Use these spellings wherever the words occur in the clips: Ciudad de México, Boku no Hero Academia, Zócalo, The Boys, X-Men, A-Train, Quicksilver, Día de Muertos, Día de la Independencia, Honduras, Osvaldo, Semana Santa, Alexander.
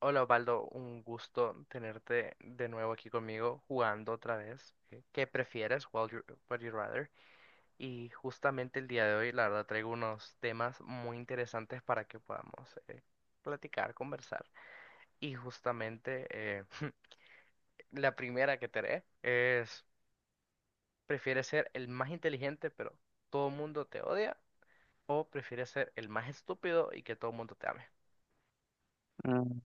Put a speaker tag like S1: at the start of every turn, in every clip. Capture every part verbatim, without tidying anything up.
S1: Hola Osvaldo, un gusto tenerte de nuevo aquí conmigo jugando otra vez. ¿Qué qué prefieres? What you- what you rather? Y justamente el día de hoy, la verdad, traigo unos temas muy interesantes para que podamos eh, platicar, conversar. Y justamente eh, la primera que te haré es, ¿prefieres ser el más inteligente pero todo el mundo te odia? ¿O prefieres ser el más estúpido y que todo el mundo te ame?
S2: Mm,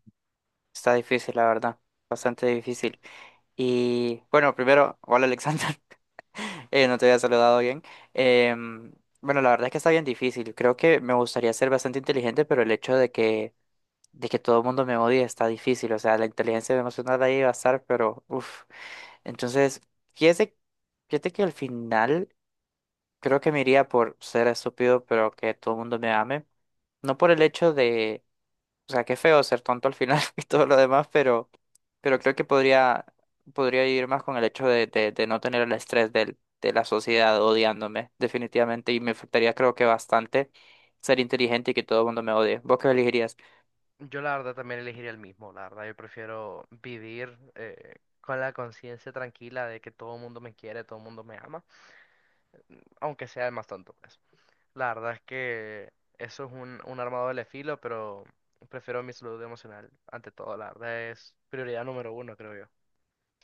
S2: está difícil, la verdad. Bastante difícil. Y bueno, primero, hola Alexander. Eh, no te había saludado bien. Em, bueno, la verdad es que está bien difícil. Creo que me gustaría ser bastante inteligente, pero el hecho de que, de que todo el mundo me odie está difícil. O sea, la inteligencia emocional ahí va a estar, pero uff. Entonces, fíjate, fíjate que al final creo que me iría por ser estúpido, pero que todo el mundo me ame. No por el hecho, o sea, qué feo ser tonto al final y todo lo demás, pero, pero creo que podría, podría ir más con el hecho de, de, de no tener el estrés del, de la sociedad odiándome, definitivamente, y me afectaría creo que bastante ser inteligente y que todo el mundo me odie. ¿Vos qué elegirías?
S1: Yo la verdad también elegiría el mismo, la verdad yo prefiero vivir eh, con la conciencia tranquila de que todo el mundo me quiere, todo el mundo me ama, aunque sea el más tonto, pues. La verdad es que eso es un, un arma de doble filo, pero prefiero mi salud emocional ante todo, la verdad es prioridad número uno, creo yo.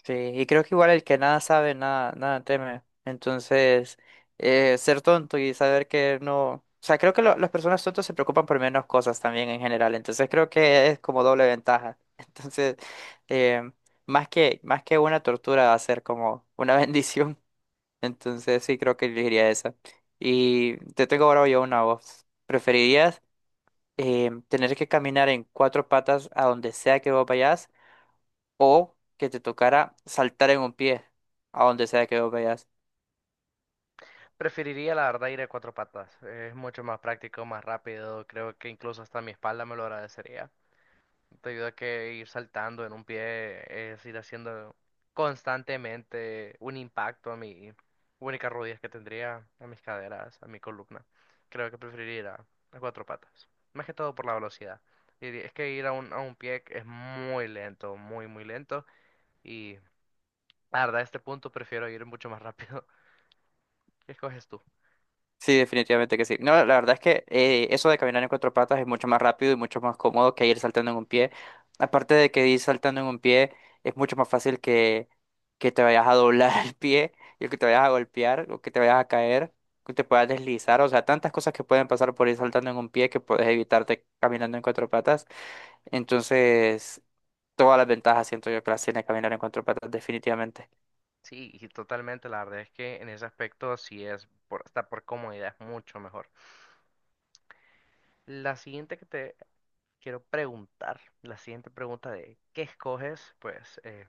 S2: Sí, y creo que igual el que nada sabe, nada, nada teme. Entonces, eh, ser tonto y saber que no... O sea, creo que lo- las personas tontas se preocupan por menos cosas también en general. Entonces, creo que es como doble ventaja. Entonces, eh, más que, más que una tortura va a ser como una bendición. Entonces, sí, creo que elegiría esa. Y te tengo ahora yo una voz. ¿Preferirías eh, tener que caminar en cuatro patas a donde sea que vos vayas, o que te tocara saltar en un pie a donde sea que vos vayas?
S1: Preferiría la verdad ir a cuatro patas, es mucho más práctico, más rápido, creo que incluso hasta mi espalda me lo agradecería. Te ayuda a que ir saltando en un pie, es ir haciendo constantemente un impacto a mi únicas rodillas que tendría, a mis caderas, a mi columna. Creo que preferiría ir a, a cuatro patas, más que todo por la velocidad. Y es que ir a un, a un pie es muy lento, muy, muy lento. Y la verdad, a este punto prefiero ir mucho más rápido. ¿Qué escoges tú?
S2: Sí, definitivamente que sí. No, la verdad es que eh, eso de caminar en cuatro patas es mucho más rápido y mucho más cómodo que ir saltando en un pie. Aparte de que ir saltando en un pie es mucho más fácil que, que te vayas a doblar el pie y que te vayas a golpear o que te vayas a caer, que te puedas deslizar. O sea, tantas cosas que pueden pasar por ir saltando en un pie que puedes evitarte caminando en cuatro patas. Entonces, todas las ventajas siento yo que las tiene caminar en cuatro patas, definitivamente.
S1: Sí, y totalmente, la verdad es que en ese aspecto sí es, por, hasta por comodidad, es mucho mejor. La siguiente que te Quiero preguntar la siguiente pregunta de ¿qué escoges? Pues eh,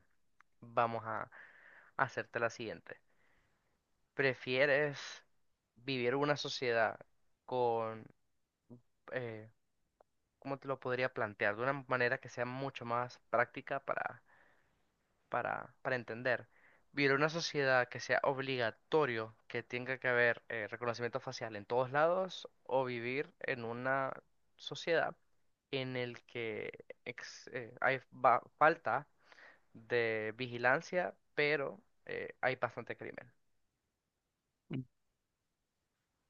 S1: vamos a hacerte la siguiente. ¿Prefieres vivir una sociedad con, eh, ¿cómo te lo podría plantear? De una manera que sea mucho más práctica para, para, para entender. Vivir una sociedad que sea obligatorio, que tenga que haber eh, reconocimiento facial en todos lados, o vivir en una sociedad en el que ex- eh, hay ba- falta de vigilancia, pero eh, hay bastante crimen.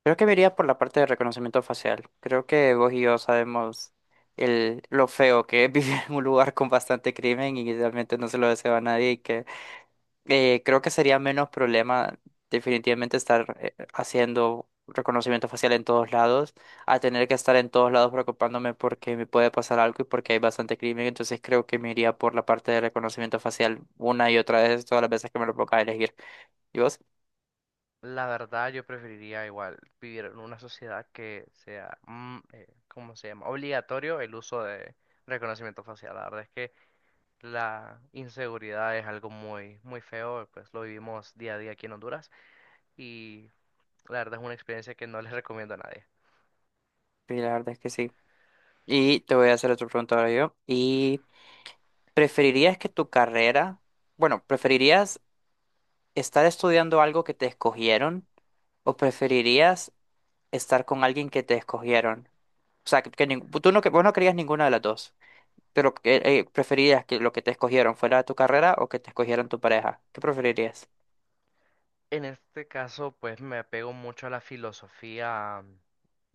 S2: Creo que me iría por la parte de reconocimiento facial. Creo que vos y yo sabemos el, lo feo que es vivir en un lugar con bastante crimen y realmente no se lo deseo a nadie y que eh, creo que sería menos problema definitivamente estar eh, haciendo reconocimiento facial en todos lados, a tener que estar en todos lados preocupándome porque me puede pasar algo y porque hay bastante crimen. Entonces creo que me iría por la parte de reconocimiento facial una y otra vez todas las veces que me lo ponga a elegir. ¿Y vos?
S1: La verdad, yo preferiría igual vivir en una sociedad que sea, mm, eh, ¿cómo se llama? Obligatorio el uso de reconocimiento facial. La verdad es que la inseguridad es algo muy, muy feo, pues lo vivimos día a día aquí en Honduras y la verdad es una experiencia que no les recomiendo a nadie.
S2: Sí, la verdad es que sí. Y te voy a hacer otra pregunta ahora yo. Y ¿preferirías que tu carrera, bueno, preferirías estar estudiando algo que te escogieron, o preferirías estar con alguien que te escogieron? O sea, que, que nin- tú no, que, vos no querías ninguna de las dos, pero que, eh, preferirías que lo que te escogieron fuera tu carrera, o que te escogieran tu pareja. ¿Qué preferirías?
S1: En este caso, pues me apego mucho a la filosofía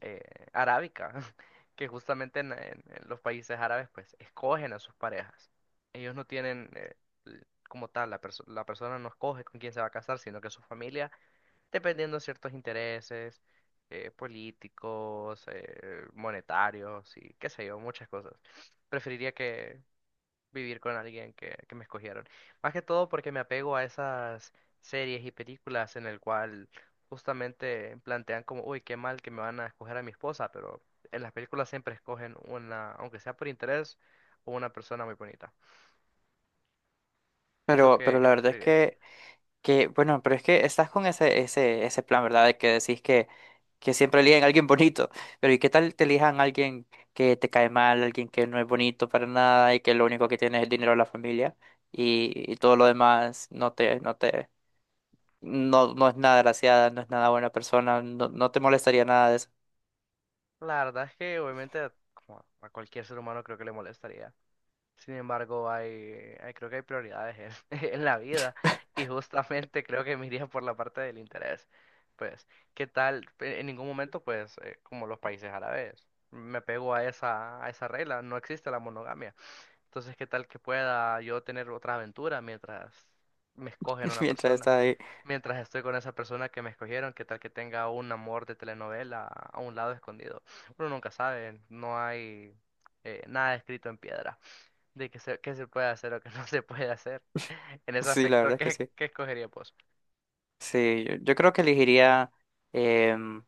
S1: eh, arábica, que justamente en, en- en los países árabes, pues escogen a sus parejas. Ellos no tienen eh, l- como tal, la, perso- la persona no escoge con quién se va a casar, sino que su familia, dependiendo de ciertos intereses eh, políticos, eh, monetarios y qué sé yo, muchas cosas. Preferiría que, vivir con alguien que, que me escogieron. Más que todo porque me apego a esas series y películas en el cual justamente plantean como, uy, qué mal que me van a escoger a mi esposa, pero en las películas siempre escogen una, aunque sea por interés, o una persona muy bonita. ¿Y tú
S2: Pero,
S1: qué,
S2: pero
S1: qué
S2: la verdad es
S1: preferirías?
S2: que Que, bueno, pero es que estás con ese, ese, ese plan, ¿verdad? De que decís que, que siempre eligen a alguien bonito. Pero ¿y qué tal te elijan a alguien que te cae mal, alguien que no es bonito para nada y que lo único que tiene es el dinero de la familia, y, y todo lo demás, no te, no te, no, no es nada graciada, no es nada buena persona, no, no te molestaría nada de eso
S1: La verdad es que obviamente como a cualquier ser humano creo que le molestaría. Sin embargo, hay, hay- creo que hay prioridades en, en la vida y justamente creo que me iría por la parte del interés. Pues, ¿qué tal? Pe- En ningún momento, pues, eh, como los países árabes, me pego a esa, a esa regla, no existe la monogamia. Entonces, ¿qué tal que pueda yo tener otra aventura mientras me escogen una
S2: mientras
S1: persona?
S2: estás ahí?
S1: Mientras estoy con esa persona que me escogieron, ¿qué tal que tenga un amor de telenovela a un lado escondido? Uno nunca sabe, no hay eh, nada escrito en piedra de qué se, qué se puede hacer o qué no se puede hacer. En ese
S2: Sí, la
S1: aspecto,
S2: verdad es que
S1: ¿qué,
S2: sí.
S1: qué escogería vos?
S2: Sí, yo, yo creo que elegiría em,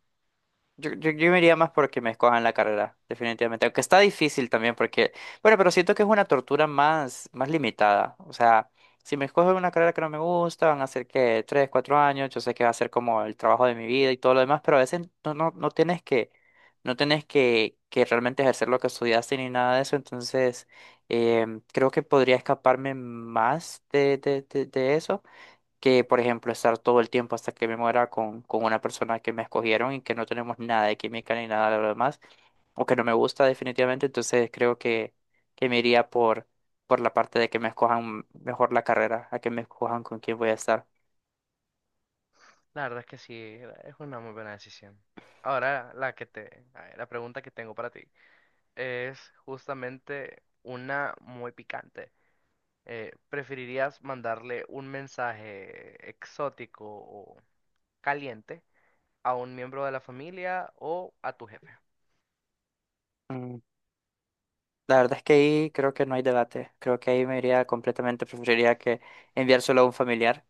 S2: Yo, yo, yo me iría más porque me escojan la carrera, definitivamente. Aunque está difícil también porque, bueno, pero siento que es una tortura más, más limitada. O sea, si me escogen una carrera que no me gusta, van a ser que tres, cuatro años, yo sé que va a ser como el trabajo de mi vida y todo lo demás, pero a veces no, no, no tienes que, no tienes que, que realmente ejercer lo que estudiaste ni nada de eso. Entonces, em, creo que podría escaparme más de, de, de de eso que, por ejemplo, estar todo el tiempo hasta que me muera con, con una persona que me escogieron y que no tenemos nada de química ni nada de lo demás, o que no me gusta definitivamente. Entonces creo que, que me iría por, por la parte de que me escojan mejor la carrera, a que me escojan con quién voy a estar.
S1: La verdad es que sí, era- es una muy buena decisión. Ahora, la que te, a ver, la pregunta que tengo para ti es justamente una muy picante. Eh, ¿preferirías mandarle un mensaje exótico o caliente a un miembro de la familia o a tu jefe?
S2: Mm, la verdad es que ahí creo que no hay debate, creo que ahí me iría completamente, preferiría que enviárselo a un familiar,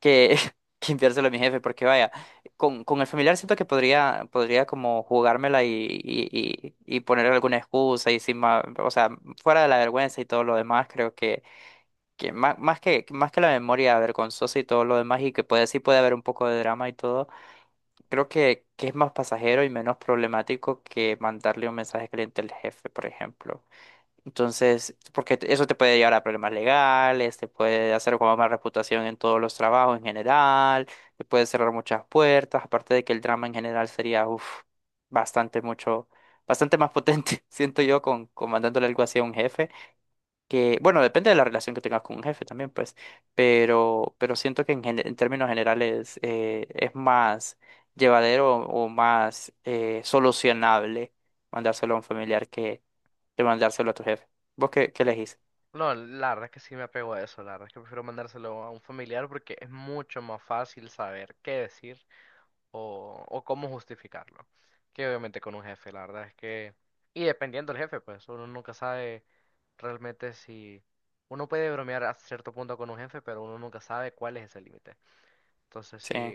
S2: que, que enviárselo a mi jefe, porque vaya, con, con el familiar siento que podría, podría como jugármela y, y, y, y ponerle alguna excusa y sin ma- o sea, fuera de la vergüenza y todo lo demás, creo que, que más, más que más que la memoria vergonzosa y todo lo demás, y que puede, sí puede haber un poco de drama y todo, creo que, que es más pasajero y menos problemático que mandarle un mensaje caliente al jefe, por ejemplo. Entonces, porque te- eso te puede llevar a problemas legales, te puede hacer como más reputación en todos los trabajos en general, te puede cerrar muchas puertas, aparte de que el drama en general sería, uff, bastante mucho, bastante más potente, siento yo, con, con mandándole algo así a un jefe, que, bueno, depende de la relación que tengas con un jefe también, pues, pero, pero siento que en, gen- en términos generales eh, es más llevadero o más eh, solucionable mandárselo a un familiar, de mandárselo a tu jefe. ¿Vos qué, qué elegís?
S1: No, la verdad es que sí me apego a eso. La verdad es que prefiero mandárselo a un familiar porque es mucho más fácil saber qué decir o, o cómo justificarlo. Que obviamente con un jefe, la verdad es que. Y dependiendo del jefe, pues uno nunca sabe realmente si. Uno puede bromear hasta cierto punto con un jefe, pero uno nunca sabe cuál es ese límite. Entonces sí,
S2: Sí,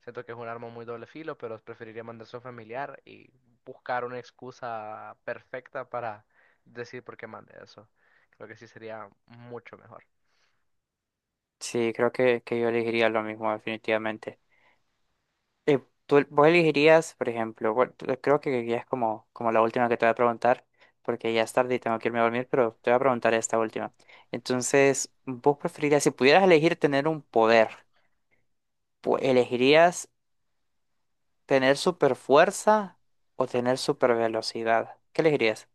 S1: siento que es un arma muy doble filo, pero preferiría mandarse a un familiar y buscar una excusa perfecta para decir por qué mande eso. Creo que sí sería mucho mejor.
S2: sí, creo que, que yo elegiría lo mismo, definitivamente. Eh, tú- vos elegirías, por ejemplo, bueno, tú- eh, creo que ya es como, como la última que te voy a preguntar, porque ya es tarde y tengo que irme a dormir, pero te voy a preguntar esta última. Entonces, ¿vos preferirías, si pudieras elegir tener un poder, pu- elegirías tener super fuerza o tener super velocidad? ¿Qué elegirías?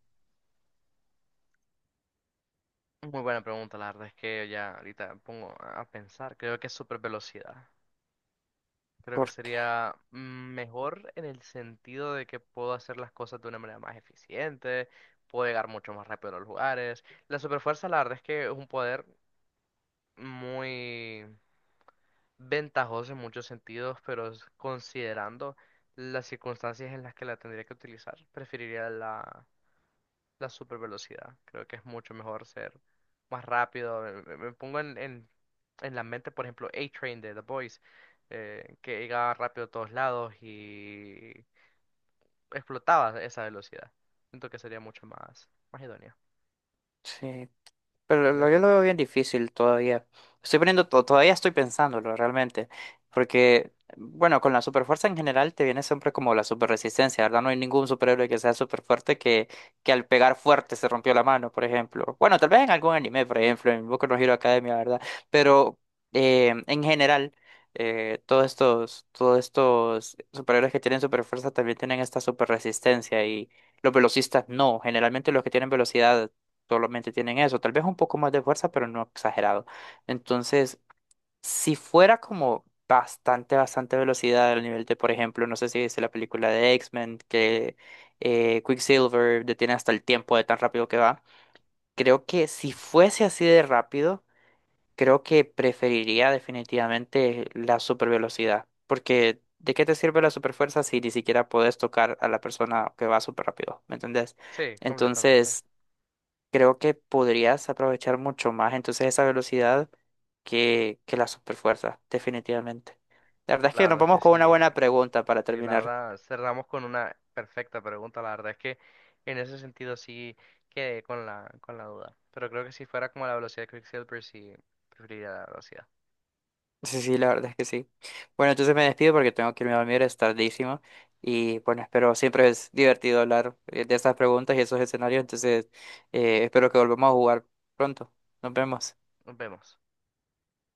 S1: Muy buena pregunta, la verdad es que ya ahorita me pongo a pensar. Creo que es super velocidad. Creo que
S2: ¿Por qué?
S1: sería mm, mejor en el sentido de que puedo hacer las cosas de una manera más eficiente, puedo llegar mucho más rápido a los lugares. La superfuerza, la verdad es que es un poder muy ventajoso en muchos sentidos, pero es- considerando las circunstancias en las que la tendría que utilizar, preferiría la, la super velocidad. Creo que es mucho mejor ser más rápido. Me, me- me pongo en, en, en la mente, por ejemplo, A-Train de The Boys, eh, que llegaba rápido a todos lados y explotaba esa velocidad. Siento que sería mucho más, más idóneo.
S2: Sí. Pero
S1: Digo
S2: lo- yo
S1: que
S2: lo veo bien difícil todavía. Estoy poniendo, to- todavía estoy pensándolo realmente. Porque, bueno, con la superfuerza en general te viene siempre como la superresistencia, ¿verdad? No hay ningún superhéroe que sea super fuerte que, que al pegar fuerte se rompió la mano, por ejemplo. Bueno, tal vez en algún anime, por ejemplo, en Boku no Hero Academia, ¿verdad? Pero eh, en general, eh, todos estos, todos estos superhéroes que tienen superfuerza también tienen esta superresistencia, y los velocistas no. Generalmente los que tienen velocidad solamente tienen eso, tal vez un poco más de fuerza, pero no exagerado. Entonces, si fuera como bastante, bastante velocidad al nivel de, por ejemplo, no sé si viste la película de X-Men, que eh, Quicksilver detiene hasta el tiempo de tan rápido que va, creo que si fuese así de rápido, creo que preferiría definitivamente la supervelocidad, porque... ¿De qué te sirve la superfuerza si ni siquiera podés tocar a la persona que va súper rápido? ¿Me entendés?
S1: sí, completamente.
S2: Entonces, creo que podrías aprovechar mucho más entonces esa velocidad que, que la superfuerza, definitivamente. La verdad es
S1: La
S2: que nos
S1: verdad es que
S2: vamos con una
S1: sí,
S2: buena pregunta para
S1: sí, la
S2: terminar.
S1: verdad cerramos con una perfecta pregunta. La verdad es que en ese sentido sí quedé con la, con la duda. Pero creo que si fuera como la velocidad de Quicksilver, sí preferiría la velocidad.
S2: Sí, sí, la verdad es que sí. Bueno, entonces me despido porque tengo que irme a dormir, es tardísimo. Y bueno, espero, siempre es divertido hablar eh, de estas preguntas y esos escenarios. Entonces, eh, espero que volvamos a jugar pronto. Nos vemos.
S1: Nos vemos.